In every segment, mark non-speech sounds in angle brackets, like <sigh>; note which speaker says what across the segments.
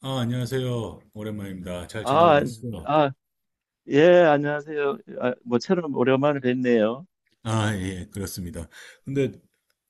Speaker 1: 아, 안녕하세요. 오랜만입니다. 잘 지내고
Speaker 2: 아,
Speaker 1: 계시죠?
Speaker 2: 아, 예, 안녕하세요. 모처럼 오랜만에 뵙네요.
Speaker 1: 아, 예, 그렇습니다. 근데,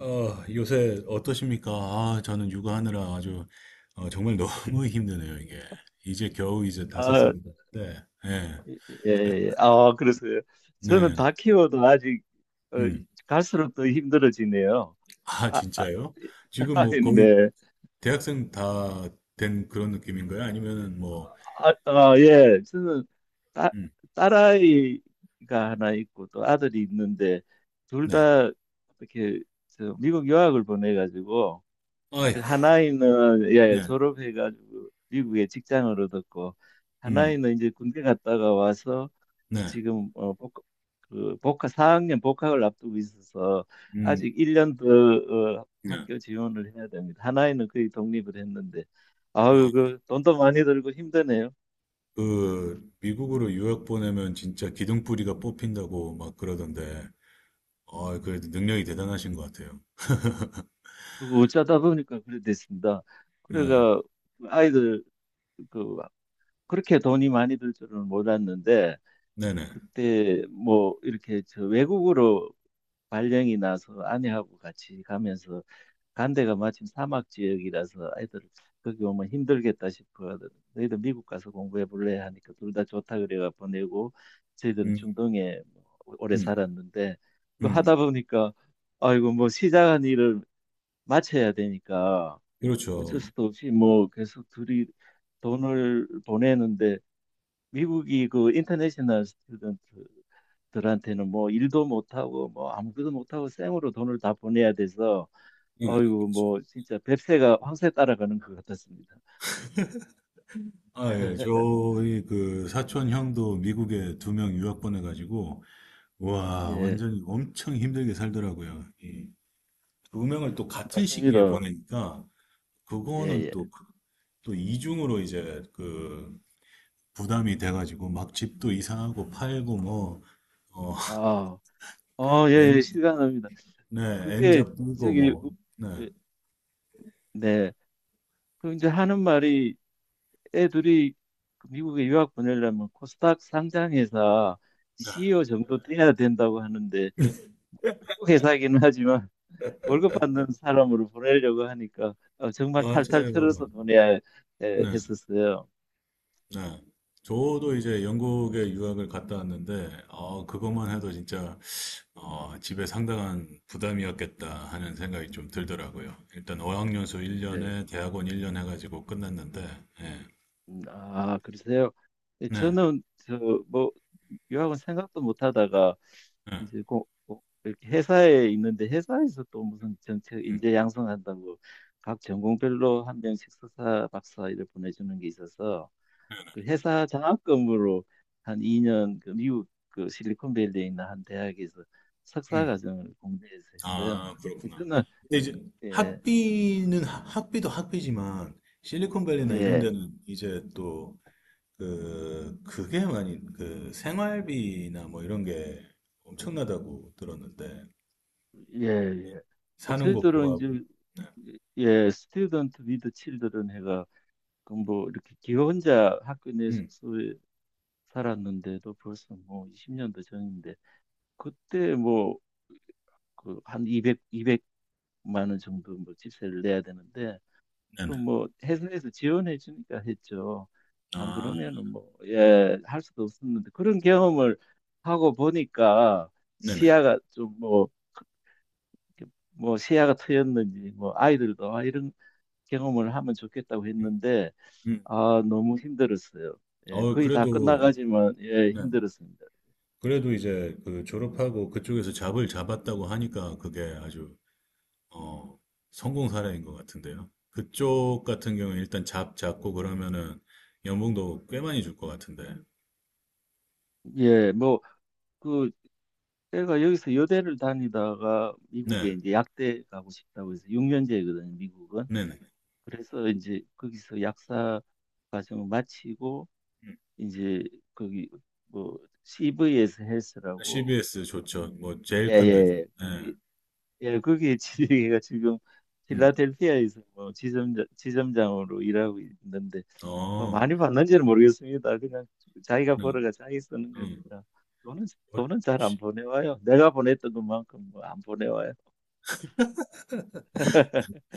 Speaker 1: 요새 어떠십니까? 아, 저는 육아하느라 아주, 정말 너무 <laughs> 힘드네요, 이게. 이제 겨우 다섯
Speaker 2: 아,
Speaker 1: 살이 됐는데, 예,
Speaker 2: 예, 예. 그래서요. 저는
Speaker 1: 네,
Speaker 2: 다 키워도 아직 어,
Speaker 1: 음.
Speaker 2: 갈수록 더 힘들어지네요.
Speaker 1: 아,
Speaker 2: 아, 아,
Speaker 1: 진짜요? 지금 뭐
Speaker 2: <laughs>
Speaker 1: 거의
Speaker 2: 네.
Speaker 1: 대학생 다 된 그런 느낌인가요? 아니면은 뭐,
Speaker 2: 예. 저는 딸,
Speaker 1: 음,
Speaker 2: 딸아이가 하나 있고 또 아들이 있는데 둘
Speaker 1: 네.
Speaker 2: 다 이렇게 저 미국 유학을 보내가지고 그
Speaker 1: 아이고,
Speaker 2: 하나이는 예,
Speaker 1: 네,
Speaker 2: 졸업해가지고 미국에 직장을 얻었고,
Speaker 1: 음,
Speaker 2: 하나이는 이제 군대 갔다가 와서
Speaker 1: 네,
Speaker 2: 지금 그 복학 4학년 복학을 앞두고 있어서
Speaker 1: 음,
Speaker 2: 아직 1년 더
Speaker 1: 네.
Speaker 2: 학교 지원을 해야 됩니다. 하나이는 거의 독립을 했는데
Speaker 1: 어.
Speaker 2: 아유, 그 돈도 많이 들고 힘드네요.
Speaker 1: 그 미국으로 유학 보내면 진짜 기둥뿌리가 뽑힌다고 막 그러던데, 아, 그래도 능력이 대단하신 것 같아요. <laughs>
Speaker 2: 그거 어쩌다 보니까 그래 됐습니다.
Speaker 1: 네,
Speaker 2: 그래가 아이들 그 그렇게 돈이 많이 들 줄은 몰랐는데,
Speaker 1: 네네.
Speaker 2: 그때 뭐 이렇게 저 외국으로 발령이 나서 아내하고 같이 가면서 간 데가 마침 사막 지역이라서 애들 거기 오면 힘들겠다 싶어 하더 너희들 미국 가서 공부해 볼래 하니까 둘 다 좋다 그래가 보내고, 저희들은
Speaker 1: 음,
Speaker 2: 중동에 뭐 오래
Speaker 1: 음,
Speaker 2: 살았는데 그 하다
Speaker 1: 음.
Speaker 2: 보니까 아이고 뭐 시작한 일을 마쳐야 되니까 어쩔
Speaker 1: 그렇죠.
Speaker 2: 수도 없이 뭐 계속 둘이 돈을 보내는데, 미국이 그 인터내셔널 스튜던트들한테는 뭐 일도 못하고 뭐 아무것도 못하고 생으로 돈을 다 보내야 돼서
Speaker 1: 네.
Speaker 2: 어이구 뭐 진짜 뱁새가 황새 따라가는 것 같았습니다.
Speaker 1: 아, 예.
Speaker 2: <laughs>
Speaker 1: 저희 그 사촌 형도 미국에 두 명 유학 보내가지고, 와,
Speaker 2: 예,
Speaker 1: 완전히 엄청 힘들게 살더라고요. 이 두 명을 또 같은 시기에
Speaker 2: 맞습니다.
Speaker 1: 보내니까,
Speaker 2: 예,
Speaker 1: 그거는
Speaker 2: 예.
Speaker 1: 또, 또 이중으로 이제 그 부담이 돼가지고 막 집도 이상하고 팔고 뭐, 어,
Speaker 2: 아, 예, 예,
Speaker 1: 엔,
Speaker 2: 실감납니다.
Speaker 1: 네,
Speaker 2: 그게
Speaker 1: 엔잡 끼고
Speaker 2: 저기
Speaker 1: 뭐,
Speaker 2: 우-
Speaker 1: 네,
Speaker 2: 에, 네. 그 이제 하는 말이 애들이 그 미국에 유학 보내려면 코스닥 상장회사
Speaker 1: 네,
Speaker 2: CEO 정도 돼야 된다고 하는데, 미국 회사이긴 하지만 월급 받는 사람으로 보내려고 하니까 정말 탈탈 털어서
Speaker 1: 맞아요.
Speaker 2: 보내야
Speaker 1: 네,
Speaker 2: 했었어요.
Speaker 1: 네. 저도 이제 영국에 유학을 갔다 왔는데, 그것만 해도
Speaker 2: 음,
Speaker 1: 진짜, 집에 상당한 부담이었겠다 하는 생각이 좀 들더라고요. 일단 어학연수
Speaker 2: 예.
Speaker 1: 1년에 대학원 1년 해가지고 끝났는데, 예,
Speaker 2: 그러세요? 예,
Speaker 1: 네,
Speaker 2: 저는 저뭐 유학은 생각도 못 하다가
Speaker 1: 네,
Speaker 2: 이제 이렇게 회사에 있는데 회사에서 또 무슨 정책
Speaker 1: 음,
Speaker 2: 인재 양성한다고 각 전공별로 한 명씩 석사 박사 이렇게 보내주는 게 있어서 그 회사 장학금으로 한 2년 그 미국 그 실리콘밸리에 있는 한 대학에서 석사
Speaker 1: 음.
Speaker 2: 과정을 공대에서 했어요.
Speaker 1: 아,
Speaker 2: 그래서
Speaker 1: 그렇구나.
Speaker 2: 저는
Speaker 1: 근데 이제
Speaker 2: 예,
Speaker 1: 학비는 학비도 학비지만 실리콘밸리나 이런
Speaker 2: 예,
Speaker 1: 데는 이제 또 그게 많이 그 생활비나 뭐 이런 게 엄청나다고 들었는데
Speaker 2: 예, 예.
Speaker 1: 사는 거
Speaker 2: 저희들은
Speaker 1: 구하고.
Speaker 2: 이제 예, 스튜던트 위드 칠드런 해가 그뭐 이렇게 기 혼자 학교 내
Speaker 1: 음,
Speaker 2: 숙소에 살았는데도 벌써 뭐 20년도 전인데 그때 뭐 그 한 200, 200만 원 정도 뭐 집세를 내야 되는데
Speaker 1: 네네.
Speaker 2: 그뭐 회사에서 지원해 주니까 했죠. 안
Speaker 1: 아,
Speaker 2: 그러면은 뭐, 예, 할 수도 없었는데 그런 경험을 하고 보니까
Speaker 1: 네네.
Speaker 2: 시야가 좀 뭐, 이렇게 뭐 시야가 트였는지 뭐 아이들도 아, 이런 경험을 하면 좋겠다고
Speaker 1: 음,
Speaker 2: 했는데,
Speaker 1: 음.
Speaker 2: 아, 너무 힘들었어요. 예,
Speaker 1: 어,
Speaker 2: 거의 다
Speaker 1: 그래도
Speaker 2: 끝나가지만 예,
Speaker 1: 네.
Speaker 2: 힘들었습니다.
Speaker 1: 그래도 이제 그 졸업하고 그쪽에서 잡을 잡았다고 하니까 그게 아주 어, 성공 사례인 것 같은데요. 그쪽 같은 경우에 일단 잡 잡고 그러면은 연봉도 꽤 많이 줄 것 같은데.
Speaker 2: 예, 뭐 그 제가 여기서 여대를 다니다가 미국에
Speaker 1: 네,
Speaker 2: 이제 약대 가고 싶다고 해서 6년제거든요, 미국은.
Speaker 1: 네네.
Speaker 2: 그래서 이제 거기서 약사 과정을 마치고 이제 거기 뭐 CV에서 헬스라고,
Speaker 1: CBS 좋죠. 뭐 제일 큰 데죠.
Speaker 2: 예예
Speaker 1: 네,
Speaker 2: 거기 예 거기에 <laughs> 지가 지금
Speaker 1: 음,
Speaker 2: 필라델피아에서 뭐 지점장으로 일하고 있는데 뭐
Speaker 1: 어,
Speaker 2: 많이 받는지는 모르겠습니다. 그냥 자기가
Speaker 1: 네,
Speaker 2: 벌어가 자기 쓰는
Speaker 1: 음.
Speaker 2: 거니까 돈은
Speaker 1: 어,
Speaker 2: 돈은 잘 안
Speaker 1: 씨-
Speaker 2: 보내와요. 내가 보냈던 것만큼 뭐 안 보내와요. <laughs>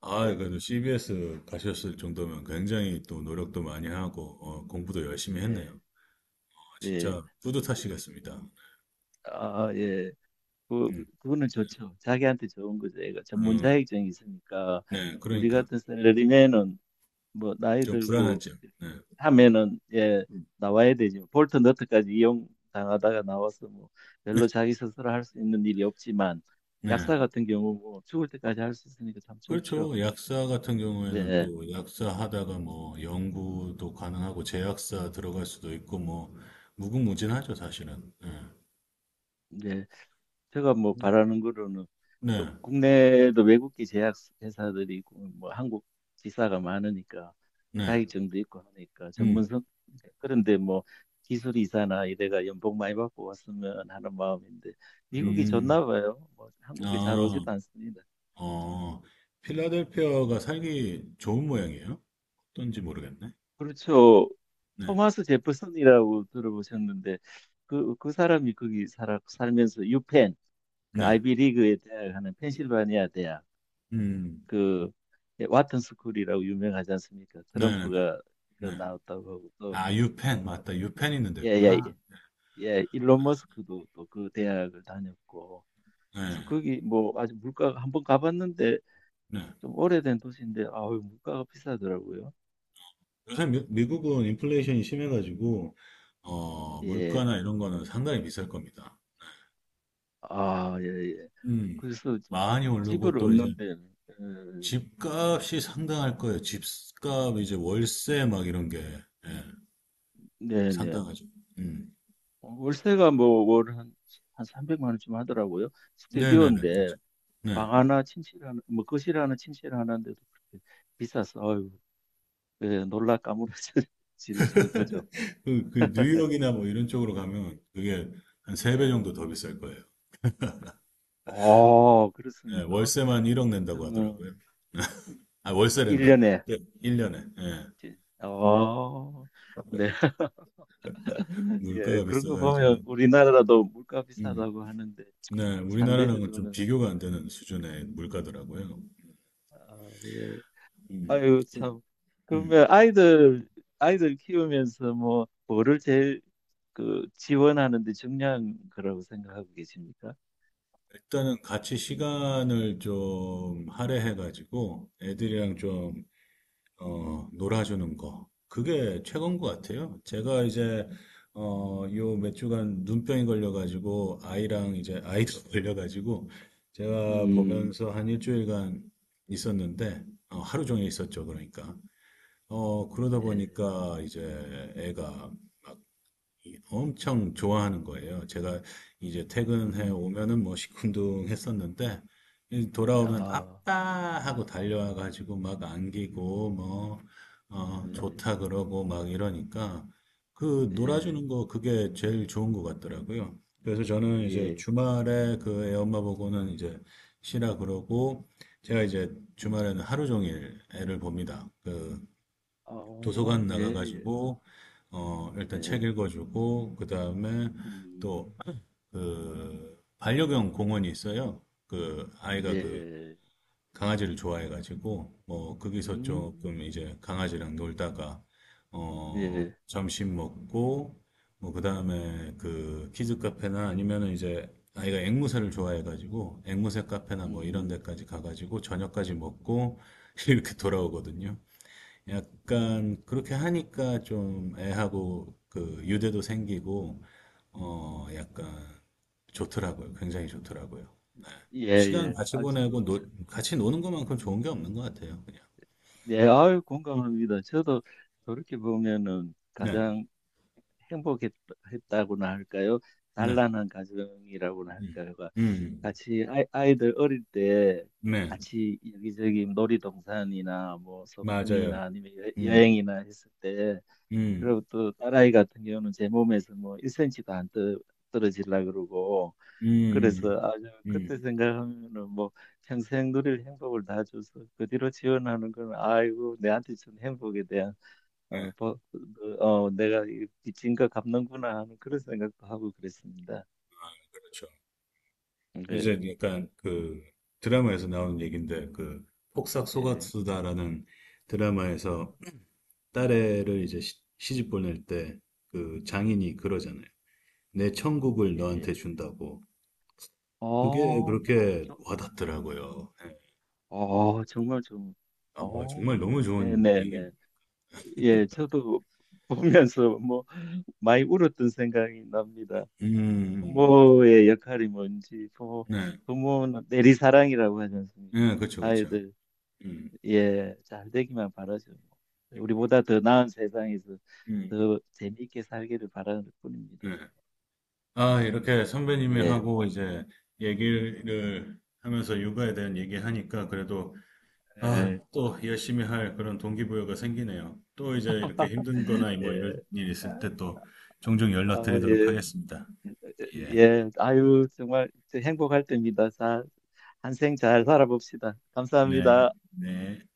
Speaker 1: 아,
Speaker 2: 예,
Speaker 1: 그래도 CBS 가셨을 정도면 굉장히 또 노력도 많이 하고 공부도 열심히 했네요.
Speaker 2: 예,
Speaker 1: 어,
Speaker 2: 예.
Speaker 1: 진짜
Speaker 2: 그, 그,
Speaker 1: 뿌듯하시겠습니다.
Speaker 2: 아, 예. 그,
Speaker 1: 음,
Speaker 2: 그거는 좋죠. 자기한테 좋은 거죠. 애가 전문
Speaker 1: 음,
Speaker 2: 자격증이 있으니까
Speaker 1: 네,
Speaker 2: 우리
Speaker 1: 그러니까
Speaker 2: 같은 샐러리맨은 뭐 나이
Speaker 1: 좀 불안한
Speaker 2: 들고
Speaker 1: 점. 네,
Speaker 2: 하면은 예 나와야 되죠. 볼트 너트까지 이용 당하다가 나와서 뭐 별로 자기 스스로 할 수 있는 일이 없지만
Speaker 1: 네.
Speaker 2: 약사 같은 경우 뭐 죽을 때까지 할 수 있으니까 참 좋죠.
Speaker 1: 그렇죠. 약사 같은 경우에는
Speaker 2: 네,
Speaker 1: 또 약사 하다가 뭐 연구도 가능하고 제약사 들어갈 수도 있고 뭐 무궁무진하죠, 사실은. 예.
Speaker 2: 네. 제가 뭐
Speaker 1: 음.
Speaker 2: 바라는 거로는 뭐
Speaker 1: 네,
Speaker 2: 국내에도 외국계 제약 회사들이 있고 뭐 한국 지사가 많으니까
Speaker 1: 네, 네.
Speaker 2: 자격증도 있고 하니까
Speaker 1: 음,
Speaker 2: 전문성, 그런데 뭐 기술 이사나 이래가 연봉 많이 받고 왔으면 하는 마음인데, 미국이
Speaker 1: 음,
Speaker 2: 좋나 봐요. 뭐 한국에 잘
Speaker 1: 아,
Speaker 2: 오지도 않습니다.
Speaker 1: 어, 필라델피아가 살기 좋은 모양이에요? 어떤지 모르겠네.
Speaker 2: 그렇죠.
Speaker 1: 네,
Speaker 2: 토마스 제퍼슨이라고 들어보셨는데 그 사람이 거기 살아 살면서 유펜, 그
Speaker 1: 네,
Speaker 2: 아이비리그에 대학하는 펜실바니아 대학,
Speaker 1: 음,
Speaker 2: 그 와튼 스쿨이라고 유명하지 않습니까?
Speaker 1: 네, 네, 네.
Speaker 2: 트럼프가 그
Speaker 1: 네.
Speaker 2: 나왔다고 하고 또
Speaker 1: 아, 유펜, 맞다. 유펜 있는 데구나.
Speaker 2: 예예예, 일론 머스크도 또 그 대학을 다녔고
Speaker 1: 네,
Speaker 2: 그래서 거기 뭐 아주 물가가 한번 가봤는데
Speaker 1: 네.
Speaker 2: 좀 오래된 도시인데 아우, 물가가 비싸더라고요.
Speaker 1: 요새 미국은 인플레이션이 심해가지고,
Speaker 2: 예.
Speaker 1: 물가나 이런 거는 상당히 비쌀 겁니다.
Speaker 2: 예, 예.
Speaker 1: 음,
Speaker 2: 그래서
Speaker 1: 많이 오르고
Speaker 2: 집을
Speaker 1: 또 이제
Speaker 2: 얻는데, 음,
Speaker 1: 집값이 상당할 거예요. 집값, 이제 월세 막 이런 게, 예,
Speaker 2: 네네.
Speaker 1: 상당하죠. 음,
Speaker 2: 월세가 뭐, 월 한 300만 원쯤 하더라고요.
Speaker 1: 네네네.
Speaker 2: 스튜디오인데,
Speaker 1: 그렇죠. 네.
Speaker 2: 방 하나 침실 하나 뭐 거실 하나 침실 하나인데도 그렇게 비싸서 아유, 예, 놀라 까무러질 <laughs> 정도죠.
Speaker 1: <laughs> 그
Speaker 2: <laughs>
Speaker 1: 뉴욕이나 뭐 이런 쪽으로
Speaker 2: 네.
Speaker 1: 가면 그게 한 세 배
Speaker 2: 예.
Speaker 1: 정도 더 비쌀 거예요. 예,
Speaker 2: 그렇습니까?
Speaker 1: 월세만 1억 낸다고
Speaker 2: 하여튼
Speaker 1: 하더라고요.
Speaker 2: 뭐
Speaker 1: 아, 월세 낸다.
Speaker 2: 1년에
Speaker 1: 예, 1년에.
Speaker 2: 어, 네. <laughs> 예,
Speaker 1: 물가가
Speaker 2: 그런 거
Speaker 1: 비싸가지고.
Speaker 2: 보면 우리나라도 물가
Speaker 1: 음.
Speaker 2: 비싸다고 하는데
Speaker 1: 네, 우리나라랑은 좀
Speaker 2: 상대적으로는,
Speaker 1: 비교가 안 되는 수준의 물가더라고요.
Speaker 2: 아, 예.
Speaker 1: 음.
Speaker 2: 아유
Speaker 1: 그-
Speaker 2: 참.
Speaker 1: 음.
Speaker 2: 그러면 아이들 키우면서 뭐를 제일 그 지원하는 데 중요한 거라고 생각하고 계십니까?
Speaker 1: 일단은 같이 시간을 좀 할애해가지고 애들이랑 좀, 놀아주는 거. 그게 최고인 것 같아요. 제가 이제, 요 몇 주간 눈병이 걸려가지고 아이랑 이제 아이도 <laughs> 걸려가지고 제가
Speaker 2: 음,
Speaker 1: 보면서 한 일주일간 있었는데, 하루 종일 있었죠. 그러니까. 그러다
Speaker 2: 네.
Speaker 1: 보니까 이제 애가 엄청 좋아하는 거예요. 제가 이제 퇴근해
Speaker 2: 음,
Speaker 1: 오면은 뭐 시큰둥 했었는데, 이 돌아오면
Speaker 2: 아,
Speaker 1: 아빠 하고 달려와가지고 막 안기고, 뭐,
Speaker 2: 네.
Speaker 1: 좋다 그러고 막 이러니까, 그
Speaker 2: 예,
Speaker 1: 놀아주는 거 그게 제일 좋은 것 같더라고요. 그래서 저는 이제
Speaker 2: 예.
Speaker 1: 주말에 그 애 엄마 보고는 이제 쉬라 그러고, 제가 이제
Speaker 2: 음,
Speaker 1: 주말에는 하루 종일 애를 봅니다. 그 도서관
Speaker 2: 어, 예, 예.
Speaker 1: 나가가지고 일단 책
Speaker 2: 예.
Speaker 1: 읽어주고 그 다음에
Speaker 2: 음,
Speaker 1: 또 그 반려견 공원이 있어요. 그 아이가 그
Speaker 2: 네.
Speaker 1: 강아지를 좋아해가지고 뭐 거기서
Speaker 2: 음,
Speaker 1: 조금 이제 강아지랑 놀다가
Speaker 2: 예.
Speaker 1: 점심 먹고 뭐 그 다음에 그 키즈 카페나 아니면은 이제 아이가 앵무새를 좋아해가지고 앵무새 카페나 뭐 이런
Speaker 2: 음,
Speaker 1: 데까지 가가지고 저녁까지 먹고 <laughs> 이렇게 돌아오거든요. 약간 그렇게 하니까 좀 애하고 그 유대도 생기고 약간 좋더라고요. 굉장히 좋더라고요.
Speaker 2: 예,
Speaker 1: 시간
Speaker 2: 예.
Speaker 1: 같이 보내고 같이 노는 것만큼 좋은 게 없는 것 같아요. 그냥.
Speaker 2: 예, 아유, 공감합니다. 저도 그렇게 보면은
Speaker 1: 네,
Speaker 2: 가장 행복했다고나 할까요?
Speaker 1: 네,
Speaker 2: 단란한 가정이라고나 할
Speaker 1: 음,
Speaker 2: 까요
Speaker 1: 음,
Speaker 2: 같이 아이들 어릴 때
Speaker 1: 네,
Speaker 2: 같이 여기저기 놀이동산이나 뭐 소풍이나
Speaker 1: 맞아요.
Speaker 2: 아니면
Speaker 1: 음,
Speaker 2: 행이나 했을 때,
Speaker 1: 음,
Speaker 2: 그리고 또 딸아이 같은 경우는 제 몸에서 뭐 1cm도 안 떨어지려 그러고
Speaker 1: 음,
Speaker 2: 그래서 아주 그때
Speaker 1: 음,
Speaker 2: 생각하면은 뭐 평생 누릴 행복을 다 줘서 그 뒤로 지원하는 건 아이고 내한테 준 행복에 대한
Speaker 1: 네,
Speaker 2: 어, 버- 내가 이 빚진가 갚는구나 하는 그런 생각도 하고 그랬습니다.
Speaker 1: 그렇죠.
Speaker 2: 네,
Speaker 1: 이제 약간 그 드라마에서 나오는 얘기인데 그 폭삭
Speaker 2: 예,
Speaker 1: 속았수다라는 드라마에서 딸애를 이제 시집 보낼 때 그 장인이 그러잖아요. 내 천국을 너한테
Speaker 2: 예.
Speaker 1: 준다고. 그게
Speaker 2: 어, 참
Speaker 1: 그렇게
Speaker 2: 좋-
Speaker 1: 와닿더라고요. 네.
Speaker 2: 정말 좀,
Speaker 1: 아, 정말 너무 좋은 얘기.
Speaker 2: 네네네. 예, 저도 보면서 뭐 많이 울었던 생각이 납니다.
Speaker 1: 음,
Speaker 2: 부모의 역할이 뭔지,
Speaker 1: 네,
Speaker 2: 부모는 내리사랑이라고 하지 않습니까?
Speaker 1: 네, 그렇죠, 그렇죠.
Speaker 2: 아이들
Speaker 1: 음,
Speaker 2: 예, 잘 되기만 바라죠. 우리보다 더 나은 세상에서
Speaker 1: 음,
Speaker 2: 더 재미있게 살기를 바라는 뿐입니다.
Speaker 1: 네.
Speaker 2: 저는.
Speaker 1: 아, 이렇게 선배님이
Speaker 2: 예,
Speaker 1: 하고 이제 얘기를 하면서 육아에 대한 얘기하니까 그래도 아,
Speaker 2: 예,
Speaker 1: 또 열심히 할 그런 동기부여가 생기네요. 또 이제 이렇게 힘든
Speaker 2: <laughs>
Speaker 1: 거나
Speaker 2: 예,
Speaker 1: 뭐 이런 일 있을 때 또 종종 연락드리도록
Speaker 2: 예,
Speaker 1: 하겠습니다. 예.
Speaker 2: 예, 아유, 정말 행복할 때입니다. 자, 한생 잘 살아봅시다.
Speaker 1: 네,
Speaker 2: 감사합니다.
Speaker 1: 네.